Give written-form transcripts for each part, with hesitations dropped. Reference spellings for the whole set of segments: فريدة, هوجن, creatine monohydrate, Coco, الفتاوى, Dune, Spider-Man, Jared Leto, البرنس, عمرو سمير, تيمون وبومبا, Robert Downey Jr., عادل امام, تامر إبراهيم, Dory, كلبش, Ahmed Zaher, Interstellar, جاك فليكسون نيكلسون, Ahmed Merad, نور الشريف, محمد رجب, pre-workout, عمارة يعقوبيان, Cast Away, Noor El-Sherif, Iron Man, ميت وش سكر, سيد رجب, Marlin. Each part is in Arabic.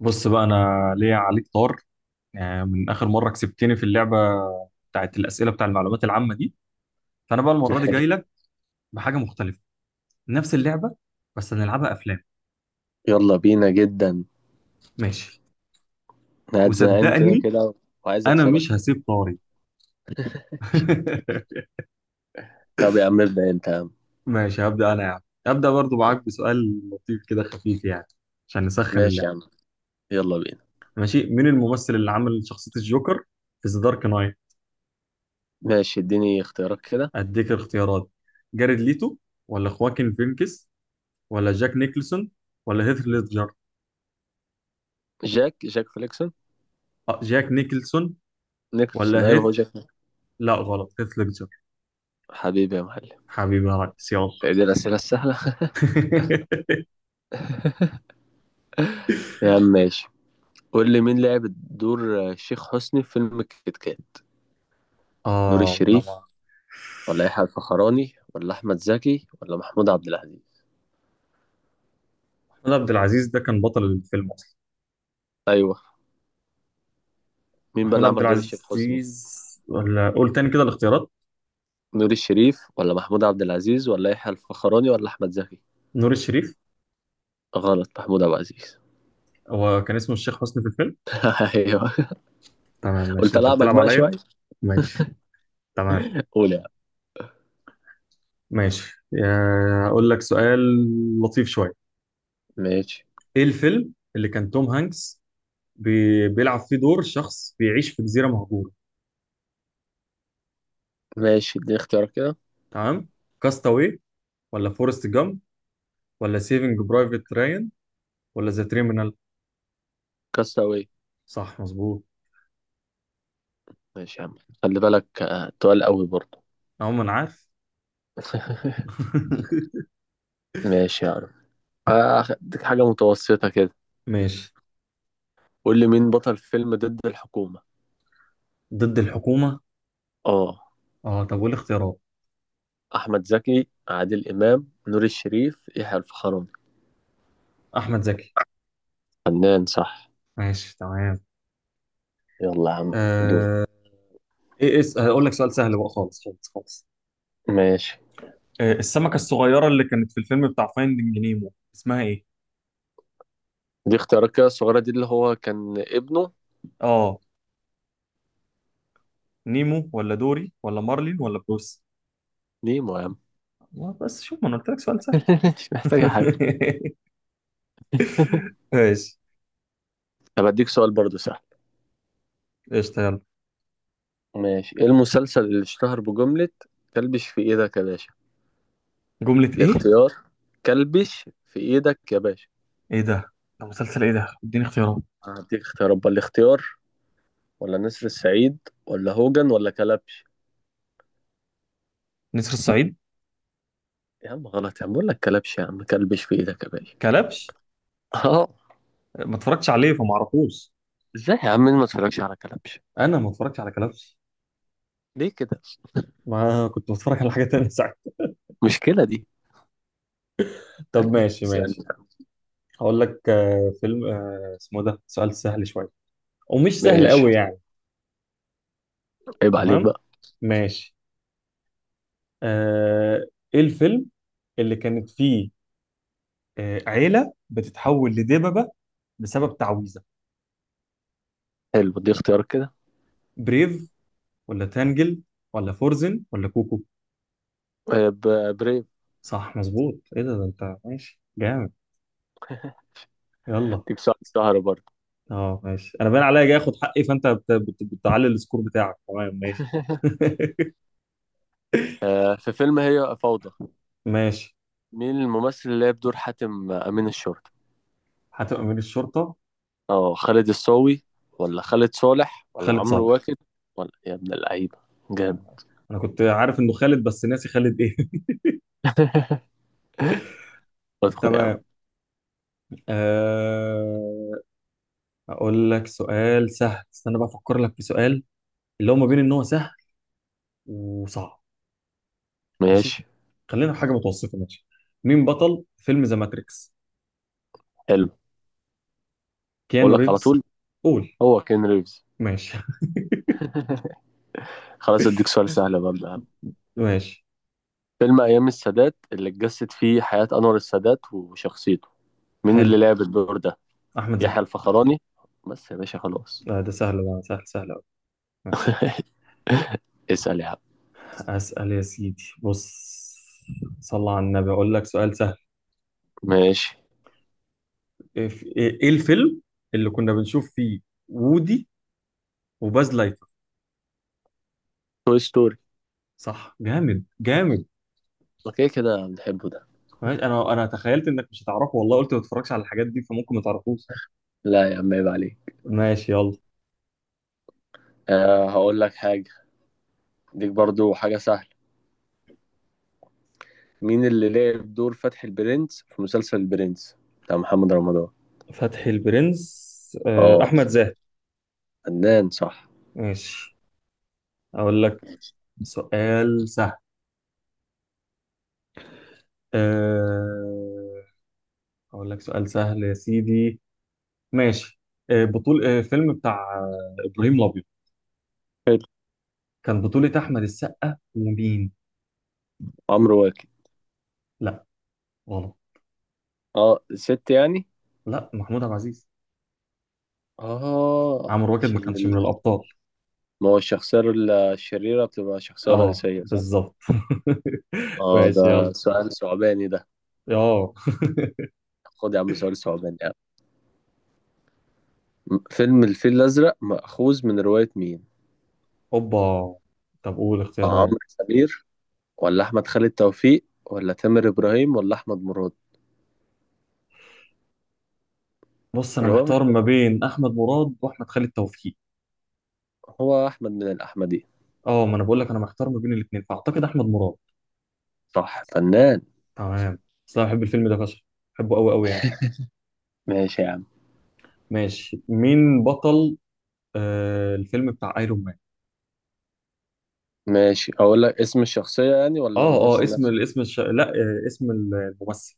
بص بقى، انا ليا عليك طار يعني من اخر مره كسبتني في اللعبه بتاعت الاسئله بتاع المعلومات العامه دي. فانا بقى المره دي جاي لك بحاجه مختلفه، نفس اللعبه بس هنلعبها افلام. يلا بينا جدا. انا ماشي، قاعد زهقان كده وصدقني كده وعايز انا اكسبك مش تاني. هسيب طاري. طب يا عم ابدا انت يا عم. ماشي، هبدا انا، هبدا برضو معاك بسؤال لطيف كده، خفيف يعني، عشان نسخن ماشي يا عم. اللعبه. يلا بينا. ماشي، مين الممثل اللي عمل شخصيه الجوكر في ذا دارك نايت؟ ماشي، اديني اختيارات كده. اديك الاختيارات، جاريد ليتو ولا خواكين فينكس ولا جاك نيكلسون ولا هيث ليدجر؟ جاك فليكسون. جاك نيكلسون نيكلسون، ولا ايوه هو هيث؟ جاك. لا، غلط، هيث ليدجر. حبيبي يا معلم. حبيبي يا ريس، يلا. إيه دي الاسئله السهله؟ يا عم ماشي. قول لي مين لعب دور الشيخ حسني في فيلم كيت كات؟ نور اه انا الشريف ما. ولا يحيى الفخراني ولا احمد زكي ولا محمود عبد العزيز؟ محمود عبد العزيز ده كان بطل الفيلم اصلا. ايوه. مين بقى محمود اللي عبد عمل دور الشيخ حسني؟ العزيز، ولا قول تاني كده الاختيارات. نور الشريف ولا محمود عبد العزيز ولا يحيى الفخراني ولا احمد زكي؟ نور الشريف. غلط، محمود عبد العزيز. هو كان اسمه الشيخ حسني في الفيلم. ايوه. تمام قلت ماشي، انت العبك بتلعب بقى عليا. شويه. ماشي، تمام. قول يا عم. ماشي يا- اقول لك سؤال لطيف شويه. ماشي ايه الفيلم اللي كان توم هانكس بي... بيلعب فيه دور شخص بيعيش في جزيره مهجوره؟ ماشي، اديني اختيارك كده. تمام، كاستاوي ولا فورست جامب ولا سيفنج برايفت رايان ولا ذا تريمينال؟ كاستاوي. صح، مظبوط. ماشي يا عم، خلي بالك تقال قوي برضه. عموما عارف. ماشي يا عم. هديك حاجه متوسطه كده. ماشي. قول لي مين بطل فيلم ضد الحكومه؟ ضد الحكومة؟ اه، اه، طب والاختيارات؟ احمد زكي، عادل امام، نور الشريف، يحيى الفخراني. احمد زكي. فنان صح. ماشي تمام. يلا يا عم دور. آه... ايه اس هقول لك سؤال سهل بقى خالص خالص خالص. ماشي، آه، السمكة الصغيرة اللي كانت في الفيلم بتاع فايندينج نيمو اسمها ايه؟ دي اختيارك كده الصغيره دي اللي هو كان ابنه. اه، نيمو ولا دوري ولا مارلين ولا بروس؟ نيمو يا عم. والله بس شوف، ما انا قلت لك سؤال سهل. مش محتاجه حاجه. ماشي، طب اديك سؤال برضه سهل. قشطة، يلا. ماشي، ايه المسلسل اللي اشتهر بجملة كلبش في ايدك يا باشا؟ جملة ايه؟ الاختيار: كلبش في ايدك يا باشا. ايه ده؟ ده مسلسل ايه ده؟ اديني اختيارات. هديك اختيارات بقى: الاختيار ولا نسر السعيد ولا هوجن ولا كلبش؟ نسر الصعيد. يا عم غلط، يا عم بقول لك كلبش، يا عم كلبش في ايدك يا باشا. كلبش؟ اه. ما اتفرجتش عليه فما اعرفوش. ازاي يا عم؟ مين ما اتفرجش على كلبش؟ انا ما اتفرجتش على كلبش. ليه كده؟ ما كنت بتفرج على حاجه تانية ساعتها. مشكلة دي. طب ماشي اسألني ماشي. بقى. هقول لك فيلم، اسمه، ده سؤال سهل شويه ومش سهل ماشي. قوي يعني. عيب عليك تمام، بقى. ماشي. آه، ايه الفيلم اللي كانت فيه عيله بتتحول لدببه بسبب تعويذه؟ حلو، دي اختيار كده. بريف ولا تانجل ولا فورزن ولا كوكو؟ بريف. صح، مظبوط. ايه ده؟ ده انت ماشي جامد. يلا. هديك ساعة سهرة برضه. اه ماشي، انا باين عليا جاي اخد حقي، فانت بتعلي السكور بتاعك. تمام، ماشي. في فيلم هي فوضى، ماشي. مين الممثل اللي لعب دور حاتم أمين الشرطة؟ هتبقى امير الشرطه. اه، خالد الصاوي ولا خالد صالح ولا خالد عمرو صالح. واكد؟ ولا يا ابن اللعيبة، جامد. انا كنت عارف انه خالد بس ناسي خالد ايه. ادخل يا عم. تمام. أه... اقول لك سؤال سهل، استنى بقى افكر لك في سؤال اللي هو ما بين ان هو سهل وصعب. ماشي، ماشي. خلينا في حاجه متوسطه. ماشي، مين بطل فيلم ذا ماتريكس؟ حلو. اقول كيانو لك على ريفز. طول، قول. هو كين ريفز. ماشي. خلاص اديك سؤال سهل بقى من الأهم. ماشي. فيلم ايام السادات اللي اتجسد فيه حياة انور السادات وشخصيته، مين حلو. اللي لعب الدور ده؟ احمد يحيى زكي. الفخراني، بس يا باشا خلاص. لا ده سهل، ده سهل سهل قوي. ماشي. اسأل يا عم. أسأل يا سيدي. بص، صلى على النبي، أقول لك سؤال سهل. ماشي. إيه، إيه الفيلم اللي كنا بنشوف فيه وودي وباز لايتر؟ توي ستوري. صح، جامد جامد. اوكي، كده بنحبه ده. ماشي، أنا تخيلت إنك مش هتعرفه والله، قلت ما تتفرجش على الحاجات دي فممكن ما تعرفوش. لا يا عم عيب عليك. ماشي، يلا. هقول لك حاجة. ديك برضو حاجة سهلة. مين اللي لعب دور فتحي البرنس في مسلسل البرنس بتاع محمد رمضان؟ فتحي البرنس، اه، أحمد زاهر. فنان صح. ماشي، أقول لك سؤال سهل، آه، أقول لك سؤال سهل يا سيدي. ماشي، بطول فيلم بتاع إبراهيم الأبيض حلو. كان بطولة أحمد السقا ومين؟ عمرو واكد. لا، غلط. اه، ست يعني. لا، محمود عبد العزيز. اه، عمرو واكد ما كانش من الأبطال. ما هو الشخصية الشريرة بتبقى شخصية اه، رئيسية، صح؟ بالظبط. اه، ماشي، ده يلا. سؤال ثعباني ده. اه. خد يا عم سؤال ثعباني يعني. فيلم الفيل الأزرق مأخوذ من رواية مين؟ اوبا، طب قول اختيارات. عمرو سمير ولا أحمد خالد توفيق ولا تامر إبراهيم ولا أحمد مراد؟ بص، انا الرواية مش، محتار ما بين احمد مراد واحمد خالد توفيق. هو أحمد من الأحمدي؟ اه، ما انا بقول لك انا محتار ما بين الاثنين، فاعتقد احمد مراد. صح، فنان. تمام. بس انا بحب الفيلم ده فشخ، بحبه قوي قوي يعني. ماشي يا عم. ماشي، مين بطل آه الفيلم بتاع ايرون مان؟ ماشي، اقول لك اسم الشخصية يعني ولا اه اه، الممثل اسم نفسه؟ لا، آه، اسم الممثل.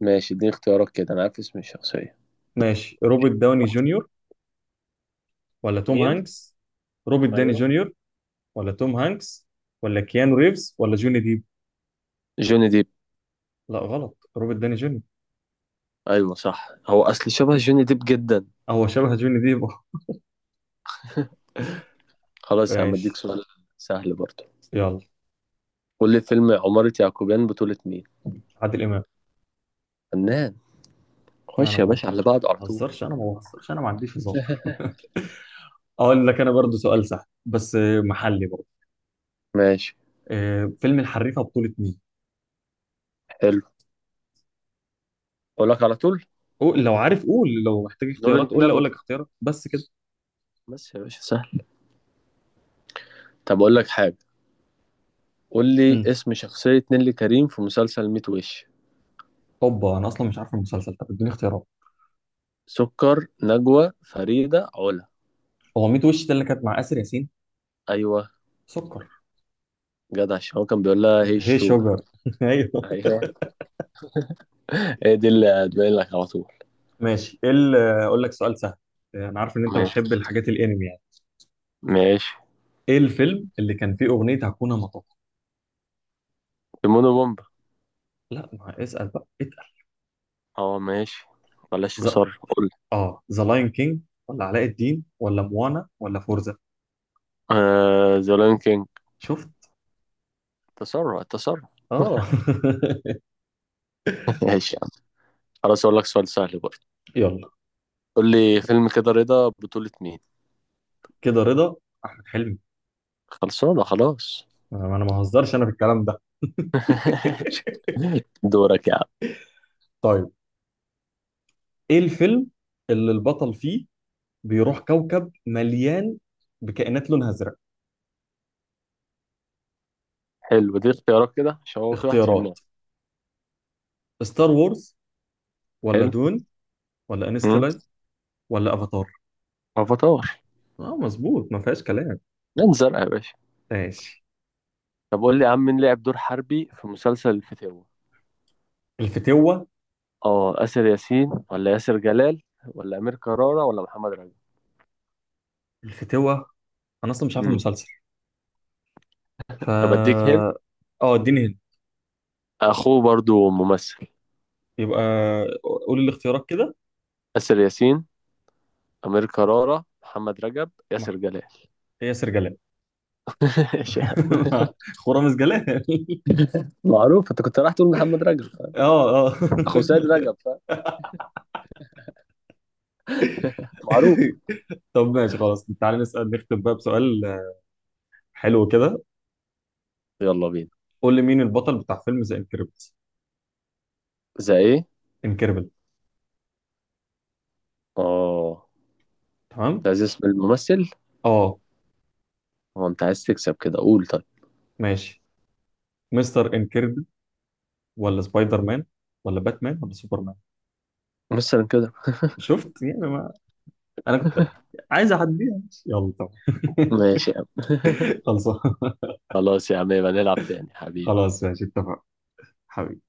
ماشي اديني اختيارات كده، انا عارف اسم الشخصية. ماشي، روبرت داوني جونيور ولا توم مين؟ هانكس؟ روبرت داني ايوه. جونيور ولا توم هانكس ولا كيانو ريفز ولا جوني ديب؟ جوني ديب. لا، غلط، روبرت داني جونيور. ايوه صح، هو اصل شبه جوني ديب جدا. هو شبه جوني ديب. أه. خلاص يا عم اديك ماشي، سؤال سهل برضه. يلا. قول لي فيلم عمارة يعقوبيان بطولة مين؟ عادل امام. فنان. خش انا يا ما باشا على بعض على طول. بهزرش، انا ما عنديش هزار. اقول لك انا برضو سؤال سهل بس محلي برضو. ماشي. آه، فيلم الحريفه بطوله مين؟ حلو، اقول لك على طول. قول لو عارف، قول لو محتاج نور اختيارات، قول لي اقول النبوي، لك اختيارات بس كده. بس يا باشا سهل. طب اقول لك حاجة، قول لي امم، اسم شخصية نيللي كريم في مسلسل ميت وش؟ هوبا، انا اصلا مش عارف المسلسل، طب اديني اختيارات. سكر، نجوى، فريدة، علا. هو 100 وش ده اللي كانت مع اسر ياسين؟ ايوه. سكر. جدع، عشان هو كان بيقول لها هي هي الشوجر. شجر. ايوه. ايوه. هي دي اللي هتبين لك على طول. ماشي، ايه ال- اقول لك سؤال سهل. انا عارف ان انت بتحب ماشي الحاجات الانمي يعني. ماشي. ايه الفيلم اللي كان فيه اغنيه هاكونا ماتاتا؟ تيمون وبومبا. لا، ما اسال بقى، اتقل. اه ماشي، بلاش ز... تسرع. قول. اه، ذا لاين كينج ولا علاء الدين ولا موانا ولا فورزا؟ آه ذا لايون كينج. شفت. تسرع تسرع. اه. ماشي يا عم. خلاص اقول لك سؤال سهل برضه. يلا. قول لي فيلم كده رضا بطولة مين؟ كده رضا. احمد حلمي. خلصانة خلاص. انا ما بهزرش انا في الكلام ده. دورك يا عم. طيب، ايه الفيلم اللي البطل فيه بيروح كوكب مليان بكائنات لونها ازرق؟ حلو، دي اختيارات كده عشان هو في واحد في النار. اختيارات، ستار وورز ولا حلو. دون ولا امم. انستلايف ولا افاتار؟ افاتار. اه، مظبوط، ما فيهاش كلام. لان زرقاء يا باشا. ماشي. طب قول لي يا عم مين لعب دور حربي في مسلسل الفتاوى؟ الفتوة. اه، آسر ياسين ولا ياسر جلال ولا أمير كرارة ولا محمد رجب؟ الفتوة؟ انا اصلا مش عارف امم. المسلسل، طب اديك هنا، فا. اه، اديني هنا. اخوه برضو ممثل. يبقى قولي الاختيارات كده. آسر ياسين، أمير كرارة، محمد رجب، ما-، ياسر جلال. هي سرجلال. ايش يا عم؟ خرام سجلال. معروف. انت كنت رايح تقول محمد رجب، فاهم؟ اه اه. اخو سيد رجب، فاهم؟ معروف. طب ماشي، خلاص تعالى نسأل، نختم بقى بسؤال حلو كده. يلا بينا. قول لي مين البطل بتاع فيلم ذا انكريبت؟ زي ايه؟ انكريبل. اه. انت تمام. عايز اسم الممثل؟ اه. هو انت عايز تكسب كده؟ قول طيب. ماشي، مستر انكريبل ولا سبايدر مان ولا باتمان ولا سوبرمان؟ مثلا كده. شفت يعني، انا كنت عايز اعديها، يلا طب. ماشي يا عم. خلصان. خلاص يا عم، يبقى نلعب تاني حبيبي. خلاص ماشي، اتفقنا حبيبي.